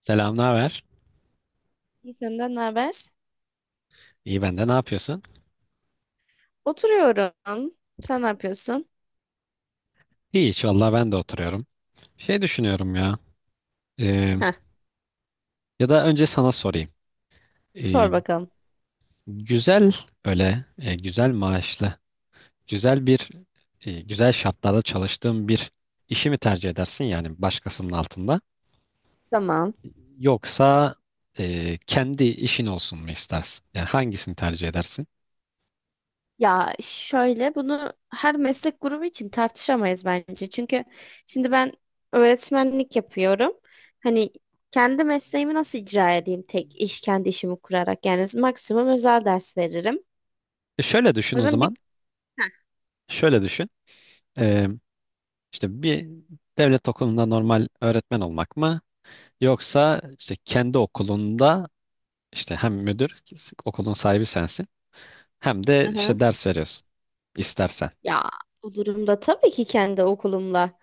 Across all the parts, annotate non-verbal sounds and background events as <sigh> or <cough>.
Selam, ne haber? İyi, senden ne haber? İyi ben de ne yapıyorsun? Oturuyorum. Sen ne yapıyorsun? Hiç vallahi ben de oturuyorum. Şey düşünüyorum ya. e, Heh, Ya da önce sana sorayım. E, sor bakalım. Güzel böyle, güzel maaşlı, güzel bir, güzel şartlarda çalıştığın bir işi mi tercih edersin yani başkasının altında? Tamam. Yoksa kendi işin olsun mu istersin? Yani hangisini tercih edersin? Ya şöyle, bunu her meslek grubu için tartışamayız bence. Çünkü şimdi ben öğretmenlik yapıyorum. Hani kendi mesleğimi nasıl icra edeyim tek iş kendi işimi kurarak? Yani maksimum özel ders veririm. Şöyle düşün O o yüzden bir zaman. Heh, Şöyle düşün. E, işte bir devlet okulunda normal öğretmen olmak mı? Yoksa işte kendi okulunda işte hem müdür, okulun sahibi sensin, hem de hı hı. işte ders veriyorsun istersen. Ya bu durumda tabii ki kendi okulumla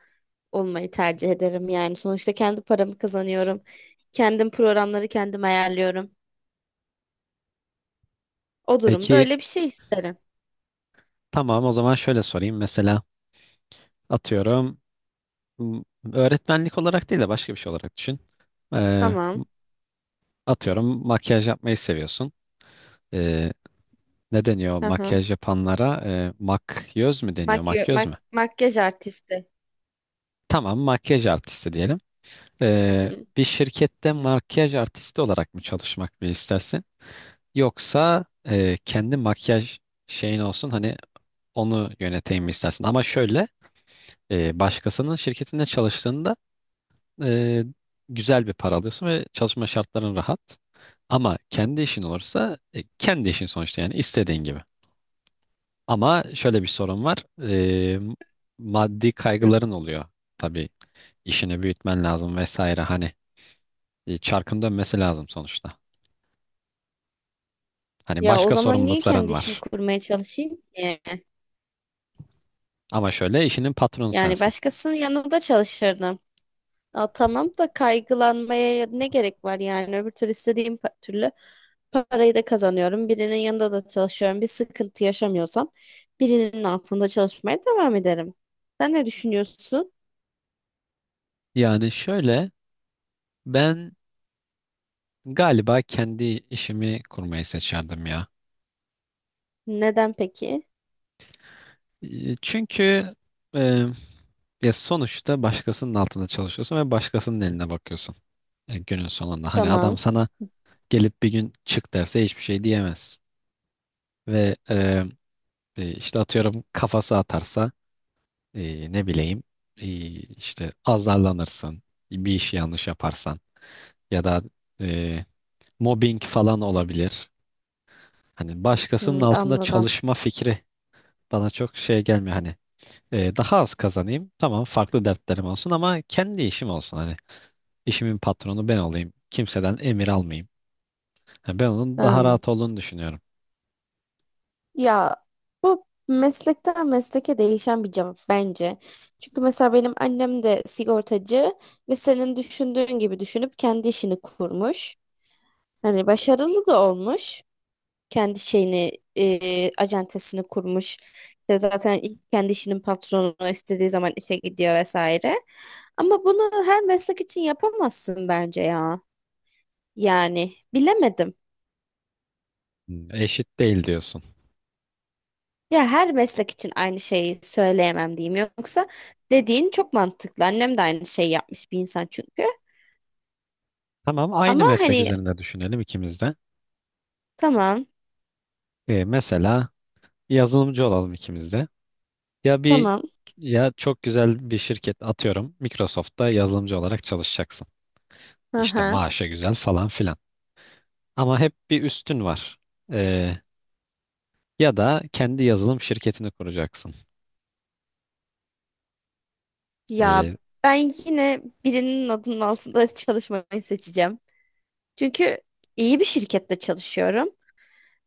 olmayı tercih ederim yani. Sonuçta kendi paramı kazanıyorum. Kendim programları kendim ayarlıyorum. O durumda Peki öyle bir şey isterim. tamam, o zaman şöyle sorayım. Mesela atıyorum, m- öğretmenlik olarak değil de başka bir şey olarak düşün. Ee, Tamam. Atıyorum makyaj yapmayı seviyorsun. Ee, Ne deniyor Hı hı. makyaj yapanlara? Makyöz mü deniyor? Makyöz mü? Makyaj artisti. Tamam, makyaj artisti diyelim. Hı hı. Bir şirkette makyaj artisti olarak mı çalışmak mı istersin? Yoksa kendi makyaj şeyin olsun hani onu yöneteyim mi istersin? Ama şöyle, başkasının şirketinde çalıştığında e, güzel bir para alıyorsun ve çalışma şartların rahat. Ama kendi işin olursa, kendi işin sonuçta yani istediğin gibi. Ama şöyle bir sorun var. E, Maddi Hı. kaygıların oluyor. Tabii işini büyütmen lazım vesaire, hani çarkın dönmesi lazım sonuçta. Hani Ya o başka zaman niye sorumlulukların kendi işimi var. kurmaya çalışayım ki? Ama şöyle, işinin patronu Yani sensin. başkasının yanında çalışırdım. Aa, tamam da kaygılanmaya ne gerek var yani? Öbür türlü parayı da kazanıyorum. Birinin yanında da çalışıyorum. Bir sıkıntı yaşamıyorsam birinin altında çalışmaya devam ederim. Sen ne düşünüyorsun? Yani şöyle, ben galiba kendi işimi kurmayı seçerdim ya. Neden peki? Çünkü e, ya sonuçta başkasının altında çalışıyorsun ve başkasının eline bakıyorsun. Günün sonunda. Hani adam Tamam. sana gelip bir gün çık derse hiçbir şey diyemez. Ve işte atıyorum kafası atarsa, ne bileyim, e, işte azarlanırsın. Bir işi yanlış yaparsan ya da e, mobbing falan olabilir. Hani başkasının Hmm, altında anladım. çalışma fikri bana çok şey gelmiyor. Hani daha az kazanayım. Tamam, farklı dertlerim olsun ama kendi işim olsun. Hani işimin patronu ben olayım. Kimseden emir almayayım. Ha, ben onun daha Hmm. rahat olduğunu düşünüyorum. Ya bu meslekten mesleke değişen bir cevap bence. Çünkü mesela benim annem de sigortacı ve senin düşündüğün gibi düşünüp kendi işini kurmuş. Hani başarılı da olmuş. Kendi şeyini, acentesini kurmuş. İşte zaten ilk kendi işinin patronu, istediği zaman işe gidiyor vesaire. Ama bunu her meslek için yapamazsın bence ya. Yani bilemedim. Hmm, eşit değil diyorsun. Ya her meslek için aynı şeyi söyleyemem diyeyim. Yoksa dediğin çok mantıklı. Annem de aynı şeyi yapmış bir insan çünkü. Tamam, aynı Ama meslek hani üzerinde düşünelim ikimiz de. tamam, Mesela yazılımcı olalım ikimiz de. Ya bir tamam. Ya çok güzel bir şirket atıyorum. Microsoft'ta yazılımcı olarak çalışacaksın. Hı İşte hı. maaşa güzel falan filan. Ama hep bir üstün var. Ee, Ya da kendi yazılım şirketini kuracaksın. Ya Ee, ben yine birinin adının altında <laughs> çalışmayı seçeceğim. Çünkü iyi bir şirkette çalışıyorum.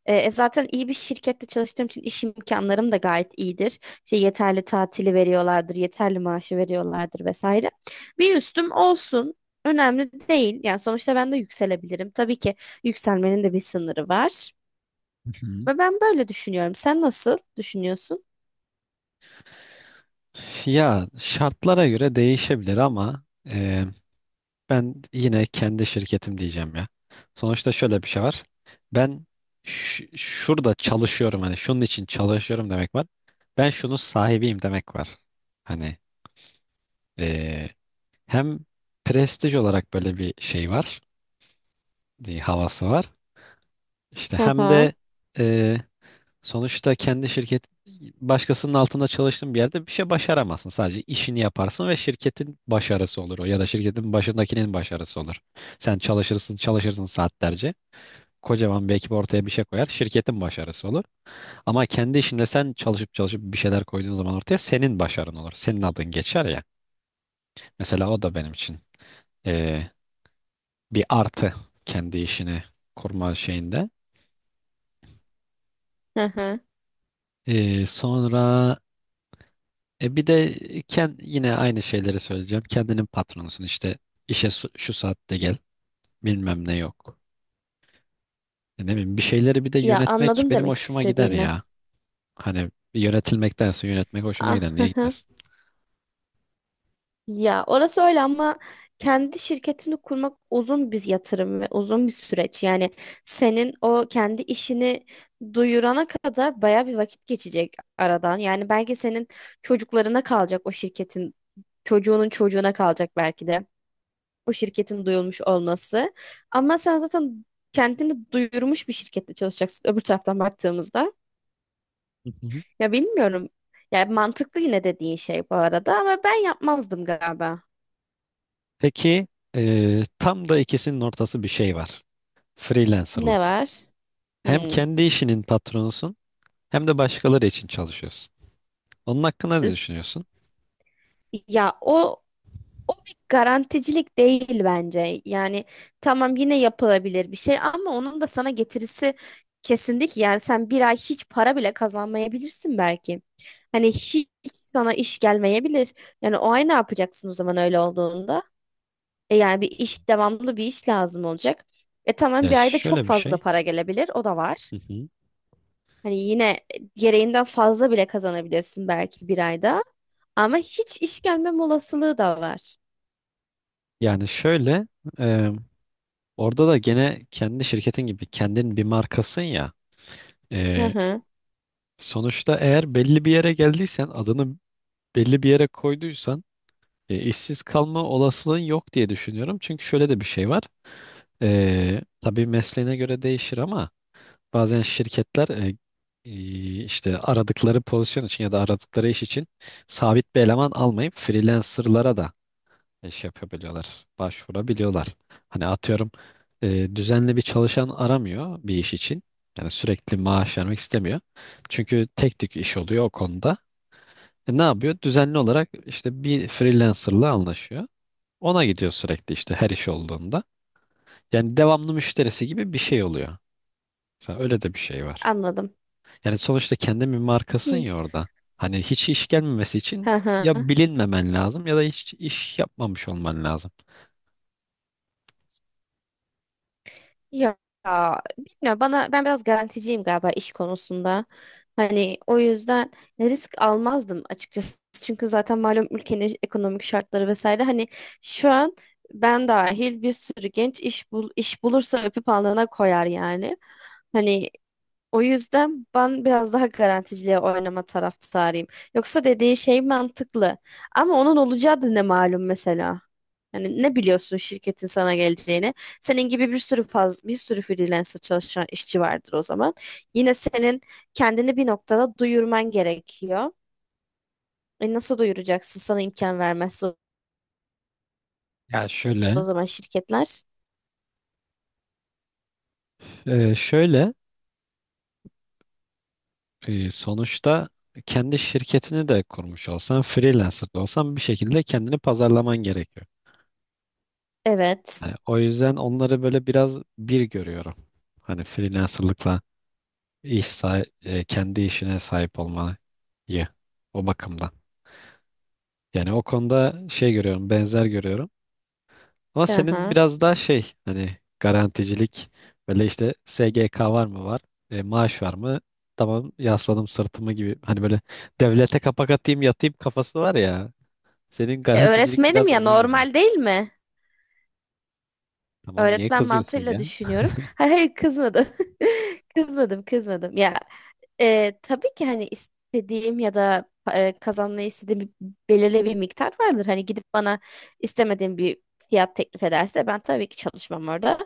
Zaten iyi bir şirkette çalıştığım için iş imkanlarım da gayet iyidir. İşte yeterli tatili veriyorlardır, yeterli maaşı veriyorlardır vesaire. Bir üstüm olsun. Önemli değil. Yani sonuçta ben de yükselebilirim. Tabii ki yükselmenin de bir sınırı var. Hı hı. Ve ben böyle düşünüyorum. Sen nasıl düşünüyorsun? Ya şartlara göre değişebilir ama e, ben yine kendi şirketim diyeceğim ya. Sonuçta şöyle bir şey var. Ben şurada çalışıyorum, hani şunun için çalışıyorum demek var. Ben şunun sahibiyim demek var. Hani e, hem prestij olarak böyle bir şey var, havası var. İşte Hı hem hı. de e, sonuçta kendi şirket başkasının altında çalıştığın bir yerde bir şey başaramazsın. Sadece işini yaparsın ve şirketin başarısı olur, o ya da şirketin başındakinin başarısı olur. Sen çalışırsın, çalışırsın saatlerce. Kocaman bir ekip ortaya bir şey koyar. Şirketin başarısı olur. Ama kendi işinde sen çalışıp çalışıp bir şeyler koyduğun zaman ortaya senin başarın olur. Senin adın geçer ya. Mesela o da benim için eee, bir artı, kendi işini kurma şeyinde. Hı hı. Sonra, bir de, yine aynı şeyleri söyleyeceğim. Kendinin patronusun, işte işe şu saatte gel bilmem ne yok. Ne bileyim, bir şeyleri bir de Ya yönetmek anladım benim demek hoşuma gider istediğini. ya. Hani yönetilmektense yönetmek hoşuma Ah, gider, niye <laughs> gitmesin? ya orası öyle ama kendi şirketini kurmak uzun bir yatırım ve uzun bir süreç. Yani senin o kendi işini duyurana kadar baya bir vakit geçecek aradan. Yani belki senin çocuklarına kalacak o şirketin, çocuğunun çocuğuna kalacak belki de o şirketin duyulmuş olması. Ama sen zaten kendini duyurmuş bir şirkette çalışacaksın öbür taraftan baktığımızda. Hı hı. Ya bilmiyorum. Ya mantıklı yine dediğin şey bu arada ama ben yapmazdım galiba. Peki, tam da ikisinin ortası bir şey var. Ne Freelancerlık. var? Hem Hmm. kendi işinin patronusun, hem de başkaları için çalışıyorsun. Onun hakkında ne düşünüyorsun? Ya o o bir garanticilik değil bence. Yani tamam, yine yapılabilir bir şey ama onun da sana getirisi kesinlikle ki. Yani sen bir ay hiç para bile kazanmayabilirsin belki. Hani hiç sana iş gelmeyebilir. Yani o ay ne yapacaksın o zaman öyle olduğunda? E yani bir iş devamlı bir iş lazım olacak. E tamam, Ya bir ayda çok şöyle bir fazla şey. para gelebilir. O da var. Hı hı. Hani yine gereğinden fazla bile kazanabilirsin belki bir ayda. Ama hiç iş gelmem olasılığı da var. Yani şöyle, e, orada da gene kendi şirketin gibi kendin bir markasın ya. Hı Ee, hı, Sonuçta eğer belli bir yere geldiysen, adını belli bir yere koyduysan, işsiz kalma olasılığın yok diye düşünüyorum. Çünkü şöyle de bir şey var. Tabii mesleğine göre değişir ama bazen şirketler işte aradıkları pozisyon için ya da aradıkları iş için sabit bir eleman almayıp freelancerlara da iş yapabiliyorlar, başvurabiliyorlar. Hani atıyorum, düzenli bir çalışan aramıyor bir iş için. Yani sürekli maaş vermek istemiyor. Çünkü tek tük iş oluyor o konuda. Ne yapıyor? Düzenli olarak işte bir freelancerla anlaşıyor. Ona gidiyor sürekli, işte her iş olduğunda. Yani devamlı müşterisi gibi bir şey oluyor. Mesela öyle de bir şey var. anladım. Yani sonuçta kendin bir markasın İyi. ya orada. Hani hiç iş gelmemesi Hı için hı. ya bilinmemen lazım ya da hiç iş yapmamış olman lazım. Ya bilmiyorum, bana ben biraz garanticiyim galiba iş konusunda. Hani o yüzden risk almazdım açıkçası. Çünkü zaten malum ülkenin ekonomik şartları vesaire, hani şu an ben dahil bir sürü genç iş bulursa öpüp alnına koyar yani. Hani o yüzden ben biraz daha garanticiliğe oynama taraftarıyım. Yoksa dediği şey mantıklı. Ama onun olacağı da ne malum mesela. Yani ne biliyorsun şirketin sana geleceğini? Senin gibi bir sürü bir sürü freelancer çalışan işçi vardır o zaman. Yine senin kendini bir noktada duyurman gerekiyor. E nasıl duyuracaksın? Sana imkan vermezse o Ya o şöyle, zaman şirketler. Şöyle, sonuçta kendi şirketini de kurmuş olsan, freelancer da olsan, bir şekilde kendini pazarlaman gerekiyor. Evet. Hani o yüzden onları böyle biraz bir görüyorum. Hani freelancerlıkla kendi işine sahip olmayı o bakımdan. Yani o konuda şey görüyorum, benzer görüyorum. Ama senin Aha. biraz daha şey hani, garanticilik, böyle işte SGK var mı var, maaş var mı, tamam yasladım sırtımı gibi, hani böyle devlete kapak atayım yatayım kafası var ya, senin E garanticilik öğretmenim biraz ya, onun gibi. normal değil mi? Tamam, niye Öğretmen kızıyorsun mantığıyla ya? düşünüyorum. Hayır hayır, kızmadım. <laughs> Kızmadım, kızmadım. Ya tabii ki hani istediğim ya da kazanmayı istediğim bir, belirli bir miktar vardır. Hani gidip bana istemediğim bir fiyat teklif ederse ben tabii ki çalışmam orada.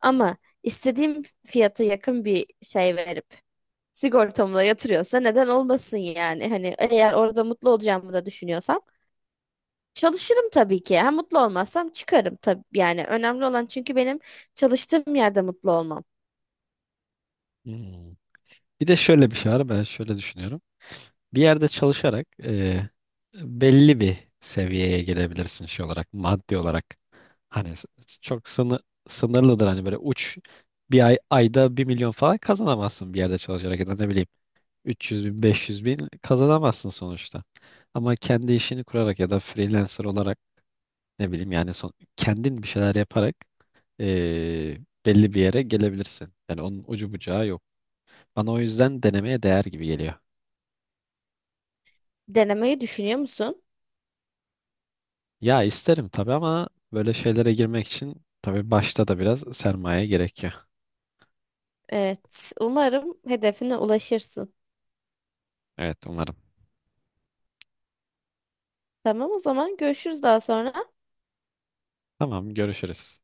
Ama istediğim fiyata yakın bir şey verip sigortamla yatırıyorsa neden olmasın yani? Hani eğer orada mutlu olacağımı da düşünüyorsam çalışırım tabii ki. Ha, mutlu olmazsam çıkarım tabii. Yani önemli olan, çünkü benim çalıştığım yerde mutlu olmam. Hmm. Bir de şöyle bir şey var, ben şöyle düşünüyorum. Bir yerde çalışarak belli bir seviyeye gelebilirsin şey olarak, maddi olarak. Hani çok sınırlıdır, hani böyle uç, bir ay ayda 1.000.000 falan kazanamazsın bir yerde çalışarak, ya da ne bileyim 300 bin 500 bin kazanamazsın sonuçta. Ama kendi işini kurarak ya da freelancer olarak, ne bileyim yani kendin bir şeyler yaparak e, belli bir yere gelebilirsin. Yani onun ucu bucağı yok. Bana o yüzden denemeye değer gibi geliyor. Denemeyi düşünüyor musun? Ya isterim tabii ama böyle şeylere girmek için tabii başta da biraz sermaye gerekiyor. Evet. Umarım hedefine ulaşırsın. Evet umarım. Tamam, o zaman görüşürüz daha sonra. Tamam, görüşürüz.